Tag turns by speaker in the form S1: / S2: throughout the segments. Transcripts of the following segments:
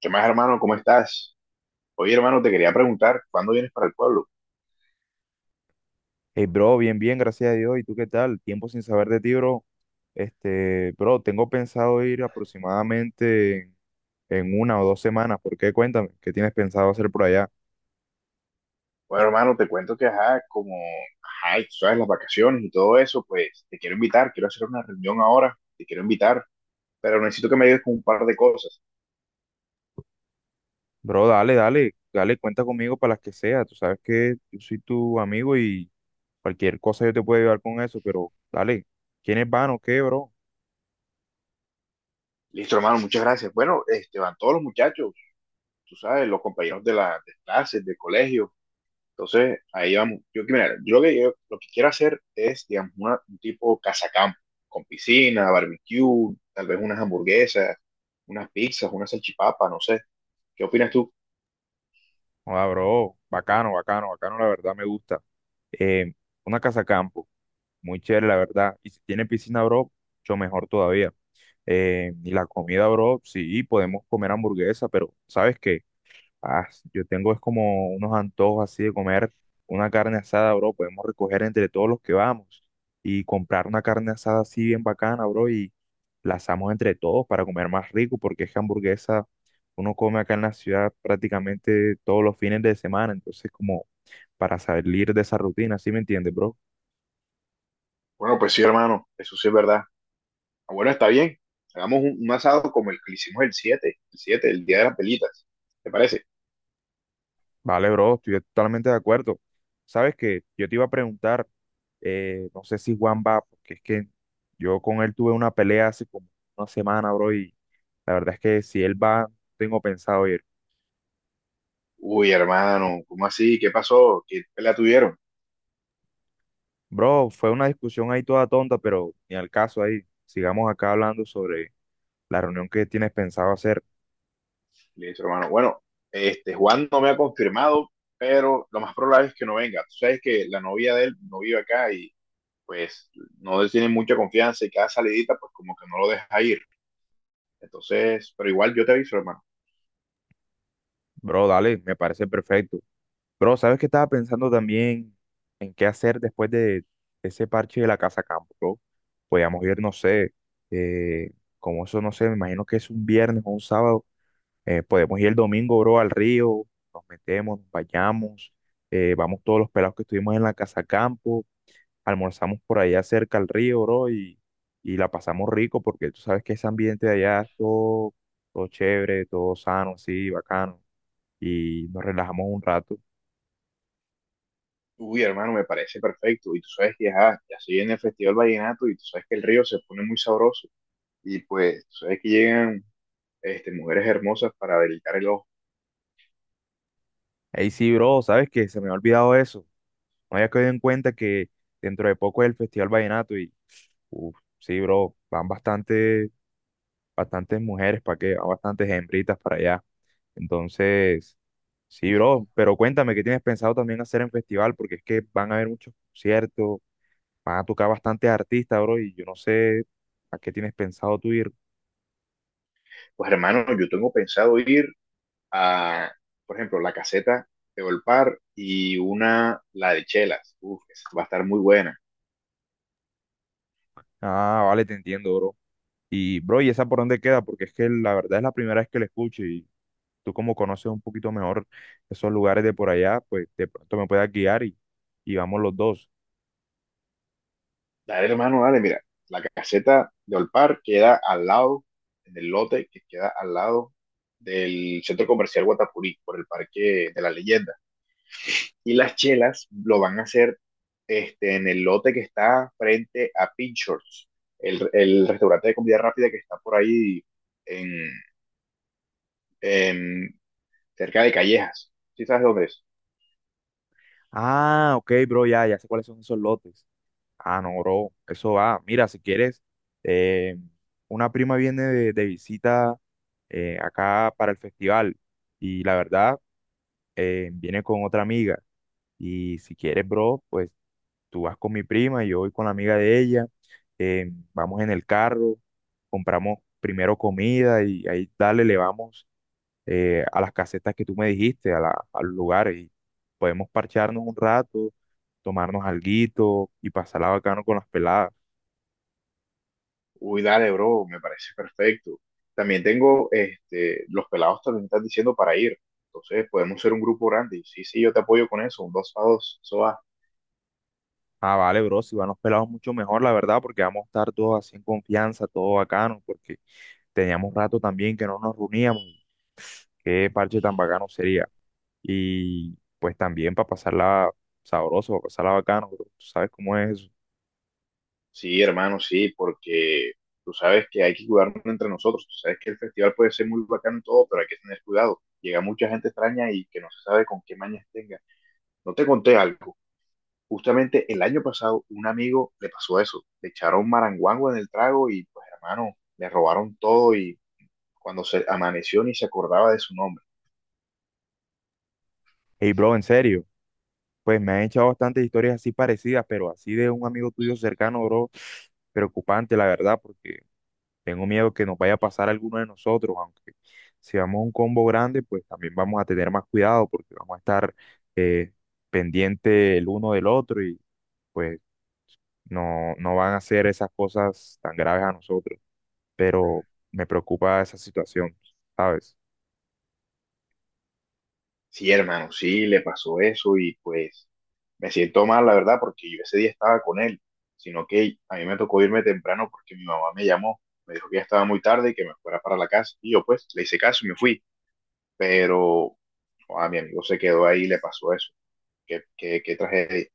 S1: ¿Qué más, hermano? ¿Cómo estás? Oye, hermano, te quería preguntar, ¿cuándo vienes para el pueblo?
S2: Hey, bro, bien, bien, gracias a Dios. ¿Y tú qué tal? Tiempo sin saber de ti, bro. Bro, tengo pensado ir aproximadamente en una o dos semanas. ¿Por qué? Cuéntame, ¿qué tienes pensado hacer por allá?
S1: Bueno, hermano, te cuento que, ajá, como, ajá, y tú sabes, las vacaciones y todo eso, pues te quiero invitar, quiero hacer una reunión ahora, te quiero invitar, pero necesito que me ayudes con un par de cosas.
S2: Bro, dale, dale, dale, cuenta conmigo para las que sea. Tú sabes que yo soy tu amigo y cualquier cosa yo te puedo ayudar con eso, pero dale, ¿quiénes van o qué, bro?
S1: Listo, hermano, muchas gracias. Bueno, este, van todos los muchachos, tú sabes, los compañeros de las clases, del colegio. Entonces, ahí vamos. Yo, que- mira, yo lo que quiero hacer es, digamos, un tipo casacampo, con piscina, barbecue, tal vez unas hamburguesas, unas pizzas, unas salchipapa, no sé. ¿Qué opinas tú?
S2: Joda, bro, bacano, bacano, bacano, la verdad me gusta. Eh, una casa campo, muy chévere, la verdad. Y si tiene piscina, bro, mucho mejor todavía. Y la comida, bro, sí, podemos comer hamburguesa, pero ¿sabes qué? Ah, yo tengo es como unos antojos así de comer una carne asada, bro. Podemos recoger entre todos los que vamos y comprar una carne asada así bien bacana, bro, y la asamos entre todos para comer más rico, porque es que hamburguesa uno come acá en la ciudad prácticamente todos los fines de semana, entonces como para salir de esa rutina, ¿sí me entiendes, bro?
S1: Bueno, pues sí, hermano, eso sí es verdad. Ah, bueno, está bien. Hagamos un asado como el que le hicimos el siete el día de las pelitas. ¿Te parece?
S2: Vale, bro, estoy totalmente de acuerdo. Sabes que yo te iba a preguntar, no sé si Juan va, porque es que yo con él tuve una pelea hace como una semana, bro, y la verdad es que si él va, no tengo pensado ir.
S1: Uy, hermano, ¿cómo así? ¿Qué pasó? ¿Qué pelea tuvieron?
S2: Bro, fue una discusión ahí toda tonta, pero ni al caso ahí. Sigamos acá hablando sobre la reunión que tienes pensado hacer.
S1: Listo, hermano. Bueno, este Juan no me ha confirmado, pero lo más probable es que no venga. Tú sabes que la novia de él no vive acá y pues no le tiene mucha confianza y cada salidita pues como que no lo deja ir. Entonces, pero igual yo te aviso, hermano.
S2: Bro, dale, me parece perfecto. Bro, ¿sabes qué estaba pensando también en qué hacer después de ese parche de la casa campo, bro? Podíamos ir, no sé, eh, como eso, no sé, me imagino que es un viernes o un sábado. Podemos ir el domingo, bro, al río, nos metemos, nos bañamos, vamos todos los pelados que estuvimos en la casa campo, almorzamos por allá cerca al río, bro, y la pasamos rico porque tú sabes que ese ambiente de allá es todo, todo chévere, todo sano, así, bacano, y nos relajamos un rato.
S1: Uy, hermano, me parece perfecto. Y tú sabes que ajá, ya se viene el Festival Vallenato y tú sabes que el río se pone muy sabroso. Y pues, tú sabes que llegan este, mujeres hermosas para deleitar el ojo.
S2: Ahí sí, bro, sabes que se me ha olvidado eso. No había caído en cuenta que dentro de poco es el Festival Vallenato y, uff, sí, bro, van bastante, bastantes mujeres para que, van bastantes hembritas para allá. Entonces, sí, bro, pero cuéntame qué tienes pensado también hacer en festival, porque es que van a haber muchos conciertos, van a tocar bastantes artistas, bro, y yo no sé a qué tienes pensado tú ir.
S1: Pues, hermano, yo tengo pensado ir a, por ejemplo, la caseta de Olpar y la de Chelas. Uf, esa va a estar muy buena.
S2: Ah, vale, te entiendo, bro. Y, bro, ¿y esa por dónde queda? Porque es que la verdad es la primera vez que la escucho y tú como conoces un poquito mejor esos lugares de por allá, pues de pronto me puedas guiar y vamos los dos.
S1: Dale, hermano, dale, mira. La caseta de Olpar queda al lado, en el lote que queda al lado del centro comercial Guatapurí, por el Parque de la Leyenda. Y las chelas lo van a hacer este, en el lote que está frente a Pinchers, el restaurante de comida rápida que está por ahí en, en- cerca de Callejas. ¿Sí sabes dónde es?
S2: Ah, ok, bro, ya, ya sé cuáles son esos lotes. Ah, no, bro, eso va. Mira, si quieres, eh, una prima viene de visita acá para el festival y la verdad, viene con otra amiga. Y si quieres, bro, pues tú vas con mi prima y yo voy con la amiga de ella. Vamos en el carro, compramos primero comida y ahí dale, le vamos a las casetas que tú me dijiste, al lugar y podemos parcharnos un rato, tomarnos alguito y pasarla bacano con las peladas.
S1: Uy, dale, bro, me parece perfecto. También tengo, este, los pelados también están diciendo para ir. Entonces, podemos ser un grupo grande. Y sí, sí, yo te apoyo con eso, un dos a dos, eso va.
S2: Ah, vale, bro, si van los pelados mucho mejor, la verdad, porque vamos a estar todos así en confianza, todo bacano, porque teníamos rato también que no nos reuníamos y qué parche tan bacano sería. Y pues también para pasarla sabroso, para pasarla bacano, bro, tú sabes cómo es eso.
S1: Sí, hermano, sí, porque tú sabes que hay que cuidarnos entre nosotros. Tú sabes que el festival puede ser muy bacano y todo, pero hay que tener cuidado. Llega mucha gente extraña y que no se sabe con qué mañas tenga. No te conté algo. Justamente el año pasado, un amigo le pasó eso. Le echaron maranguango en el trago y, pues, hermano, le robaron todo cuando se amaneció ni se acordaba de su nombre.
S2: Hey, bro, en serio. Pues me han echado bastantes historias así parecidas, pero así de un amigo tuyo cercano, bro, preocupante, la verdad, porque tengo miedo que nos vaya a pasar a alguno de nosotros, aunque si vamos a un combo grande, pues también vamos a tener más cuidado porque vamos a estar eh, pendiente el uno del otro y pues no, no van a hacer esas cosas tan graves a nosotros, pero me preocupa esa situación, ¿sabes?
S1: Sí, hermano, sí, le pasó eso y pues me siento mal, la verdad, porque yo ese día estaba con él, sino que a mí me tocó irme temprano porque mi mamá me llamó, me dijo que ya estaba muy tarde y que me fuera para la casa. Y yo pues le hice caso y me fui, pero no, a mi amigo se quedó ahí y le pasó eso. ¿Qué tragedia?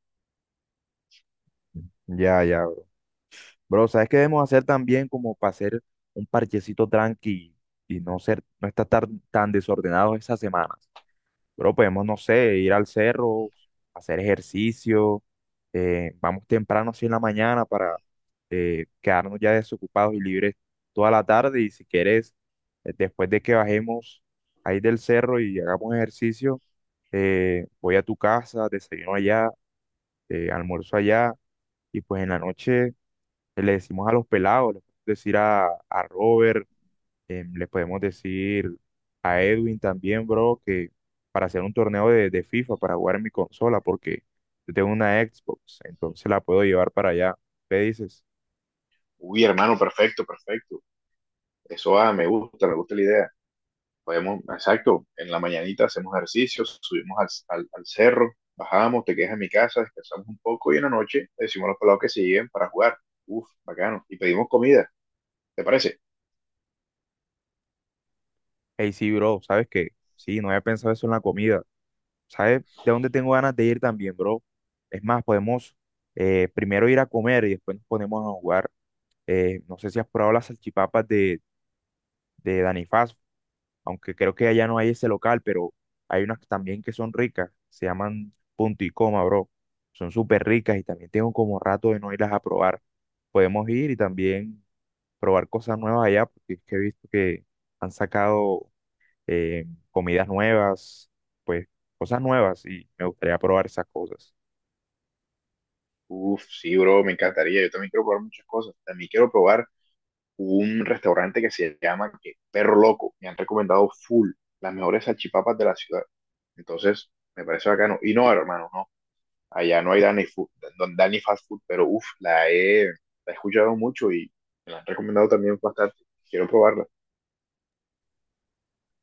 S2: Ya, ya. Bro, ¿sabes qué debemos hacer también como para hacer un parchecito tranqui y no ser, no estar tan, tan desordenados esas semanas? Bro, podemos, no sé, ir al cerro, hacer ejercicio, vamos temprano así en la mañana para quedarnos ya desocupados y libres toda la tarde y si quieres, después de que bajemos ahí del cerro y hagamos ejercicio, voy a tu casa, desayuno allá, almuerzo allá y pues en la noche le decimos a los pelados, le podemos decir a Robert, le podemos decir a Edwin también, bro, que para hacer un torneo de FIFA, para jugar en mi consola, porque yo tengo una Xbox, entonces la puedo llevar para allá. Le dices,
S1: Uy, hermano, perfecto, perfecto. Eso ah, me gusta la idea. Podemos, exacto, en la mañanita hacemos ejercicios, subimos al cerro, bajamos, te quedas en mi casa, descansamos un poco y en la noche le decimos a los pelados que se lleguen para jugar. Uf, bacano. Y pedimos comida, ¿te parece?
S2: hey, sí, bro, ¿sabes qué? Sí, no había pensado eso en la comida. ¿Sabes de dónde tengo ganas de ir también, bro? Es más, podemos primero ir a comer y después nos ponemos a jugar. No sé si has probado las salchipapas de Danny Fast, aunque creo que allá no hay ese local, pero hay unas también que son ricas, se llaman Punto y Coma, bro. Son súper ricas y también tengo como rato de no irlas a probar. Podemos ir y también probar cosas nuevas allá, porque es que he visto que han sacado eh, comidas nuevas, pues cosas nuevas y me gustaría probar esas cosas.
S1: Uf, sí, bro, me encantaría. Yo también quiero probar muchas cosas. También quiero probar un restaurante que se llama Perro Loco. Me han recomendado full las mejores salchipapas de la ciudad. Entonces, me parece bacano. Y no, hermano, no. Allá no hay Dani food no- Danny Fast Food, pero uff, la he escuchado mucho y me la han recomendado también bastante. Quiero probarla.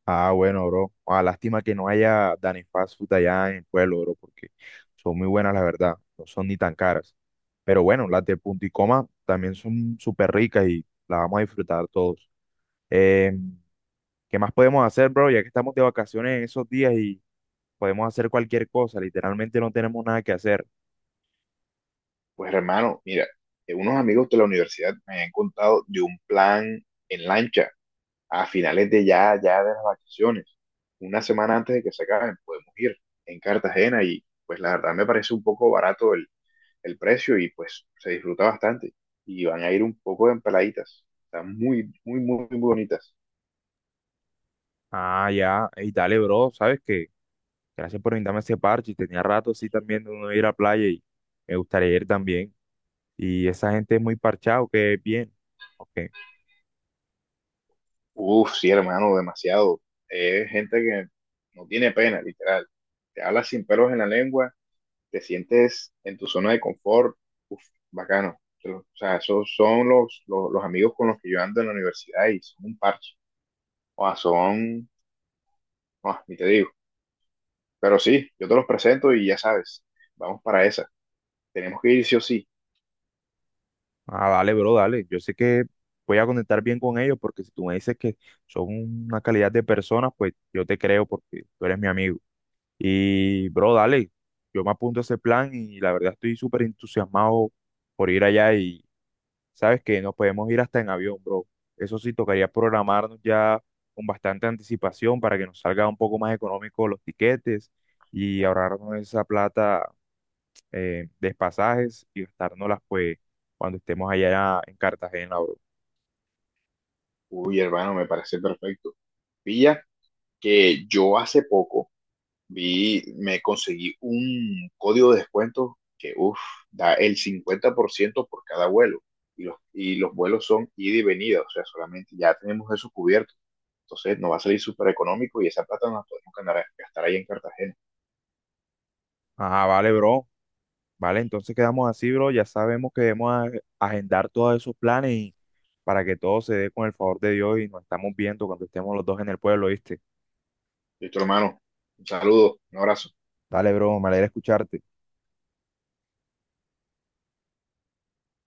S2: Ah, bueno, bro. Ah, lástima que no haya Dani Fast Food allá en el pueblo, bro, porque son muy buenas, la verdad. No son ni tan caras. Pero bueno, las de Punto y Coma también son súper ricas y las vamos a disfrutar todos. Eh, ¿Qué más podemos hacer, bro? Ya que estamos de vacaciones en esos días y podemos hacer cualquier cosa. Literalmente no tenemos nada que hacer.
S1: Pues hermano, mira, unos amigos de la universidad me han contado de un plan en lancha a finales de ya de las vacaciones. Una semana antes de que se acaben, podemos ir en Cartagena y pues la verdad me parece un poco barato el precio y pues se disfruta bastante. Y van a ir un poco en peladitas. Están muy bonitas.
S2: Ah, ya. Y dale, bro. ¿Sabes qué? Gracias por invitarme a ese parche. Tenía rato, sí, también de uno ir a playa y me gustaría ir también. Y esa gente es muy parchado, que es bien. Ok.
S1: Uf, sí, hermano, demasiado. Es gente que no tiene pena, literal. Te hablas sin pelos en la lengua, te sientes en tu zona de confort. Uf, bacano. Pero, o sea, esos son los amigos con los que yo ando en la universidad y son un parche. O sea, son, ah, ni te digo. Pero sí, yo te los presento y ya sabes, vamos para esa. Tenemos que ir sí o sí.
S2: Ah, dale, bro, dale. Yo sé que voy a conectar bien con ellos porque si tú me dices que son una calidad de personas, pues yo te creo porque tú eres mi amigo. Y, bro, dale. Yo me apunto a ese plan y la verdad estoy súper entusiasmado por ir allá y sabes que nos podemos ir hasta en avión, bro. Eso sí, tocaría programarnos ya con bastante anticipación para que nos salga un poco más económico los tiquetes y ahorrarnos esa plata despasajes y gastárnoslas pues cuando estemos allá en Cartagena, bro.
S1: Uy, hermano, me parece perfecto. Pilla que yo hace poco. Vi, me conseguí un código de descuento que, uff, da el 50 por ciento por cada vuelo. Y los vuelos son ida y venida, o sea, solamente ya tenemos eso cubierto. Entonces nos va a salir súper económico y esa plata nos la podemos gastar ahí en Cartagena.
S2: Ajá, vale, bro. Vale, entonces quedamos así, bro. Ya sabemos que debemos agendar todos esos planes y para que todo se dé con el favor de Dios y nos estamos viendo cuando estemos los dos en el pueblo, ¿viste?
S1: Listo, hermano. Un saludo, un abrazo.
S2: Dale, bro, me alegra escucharte.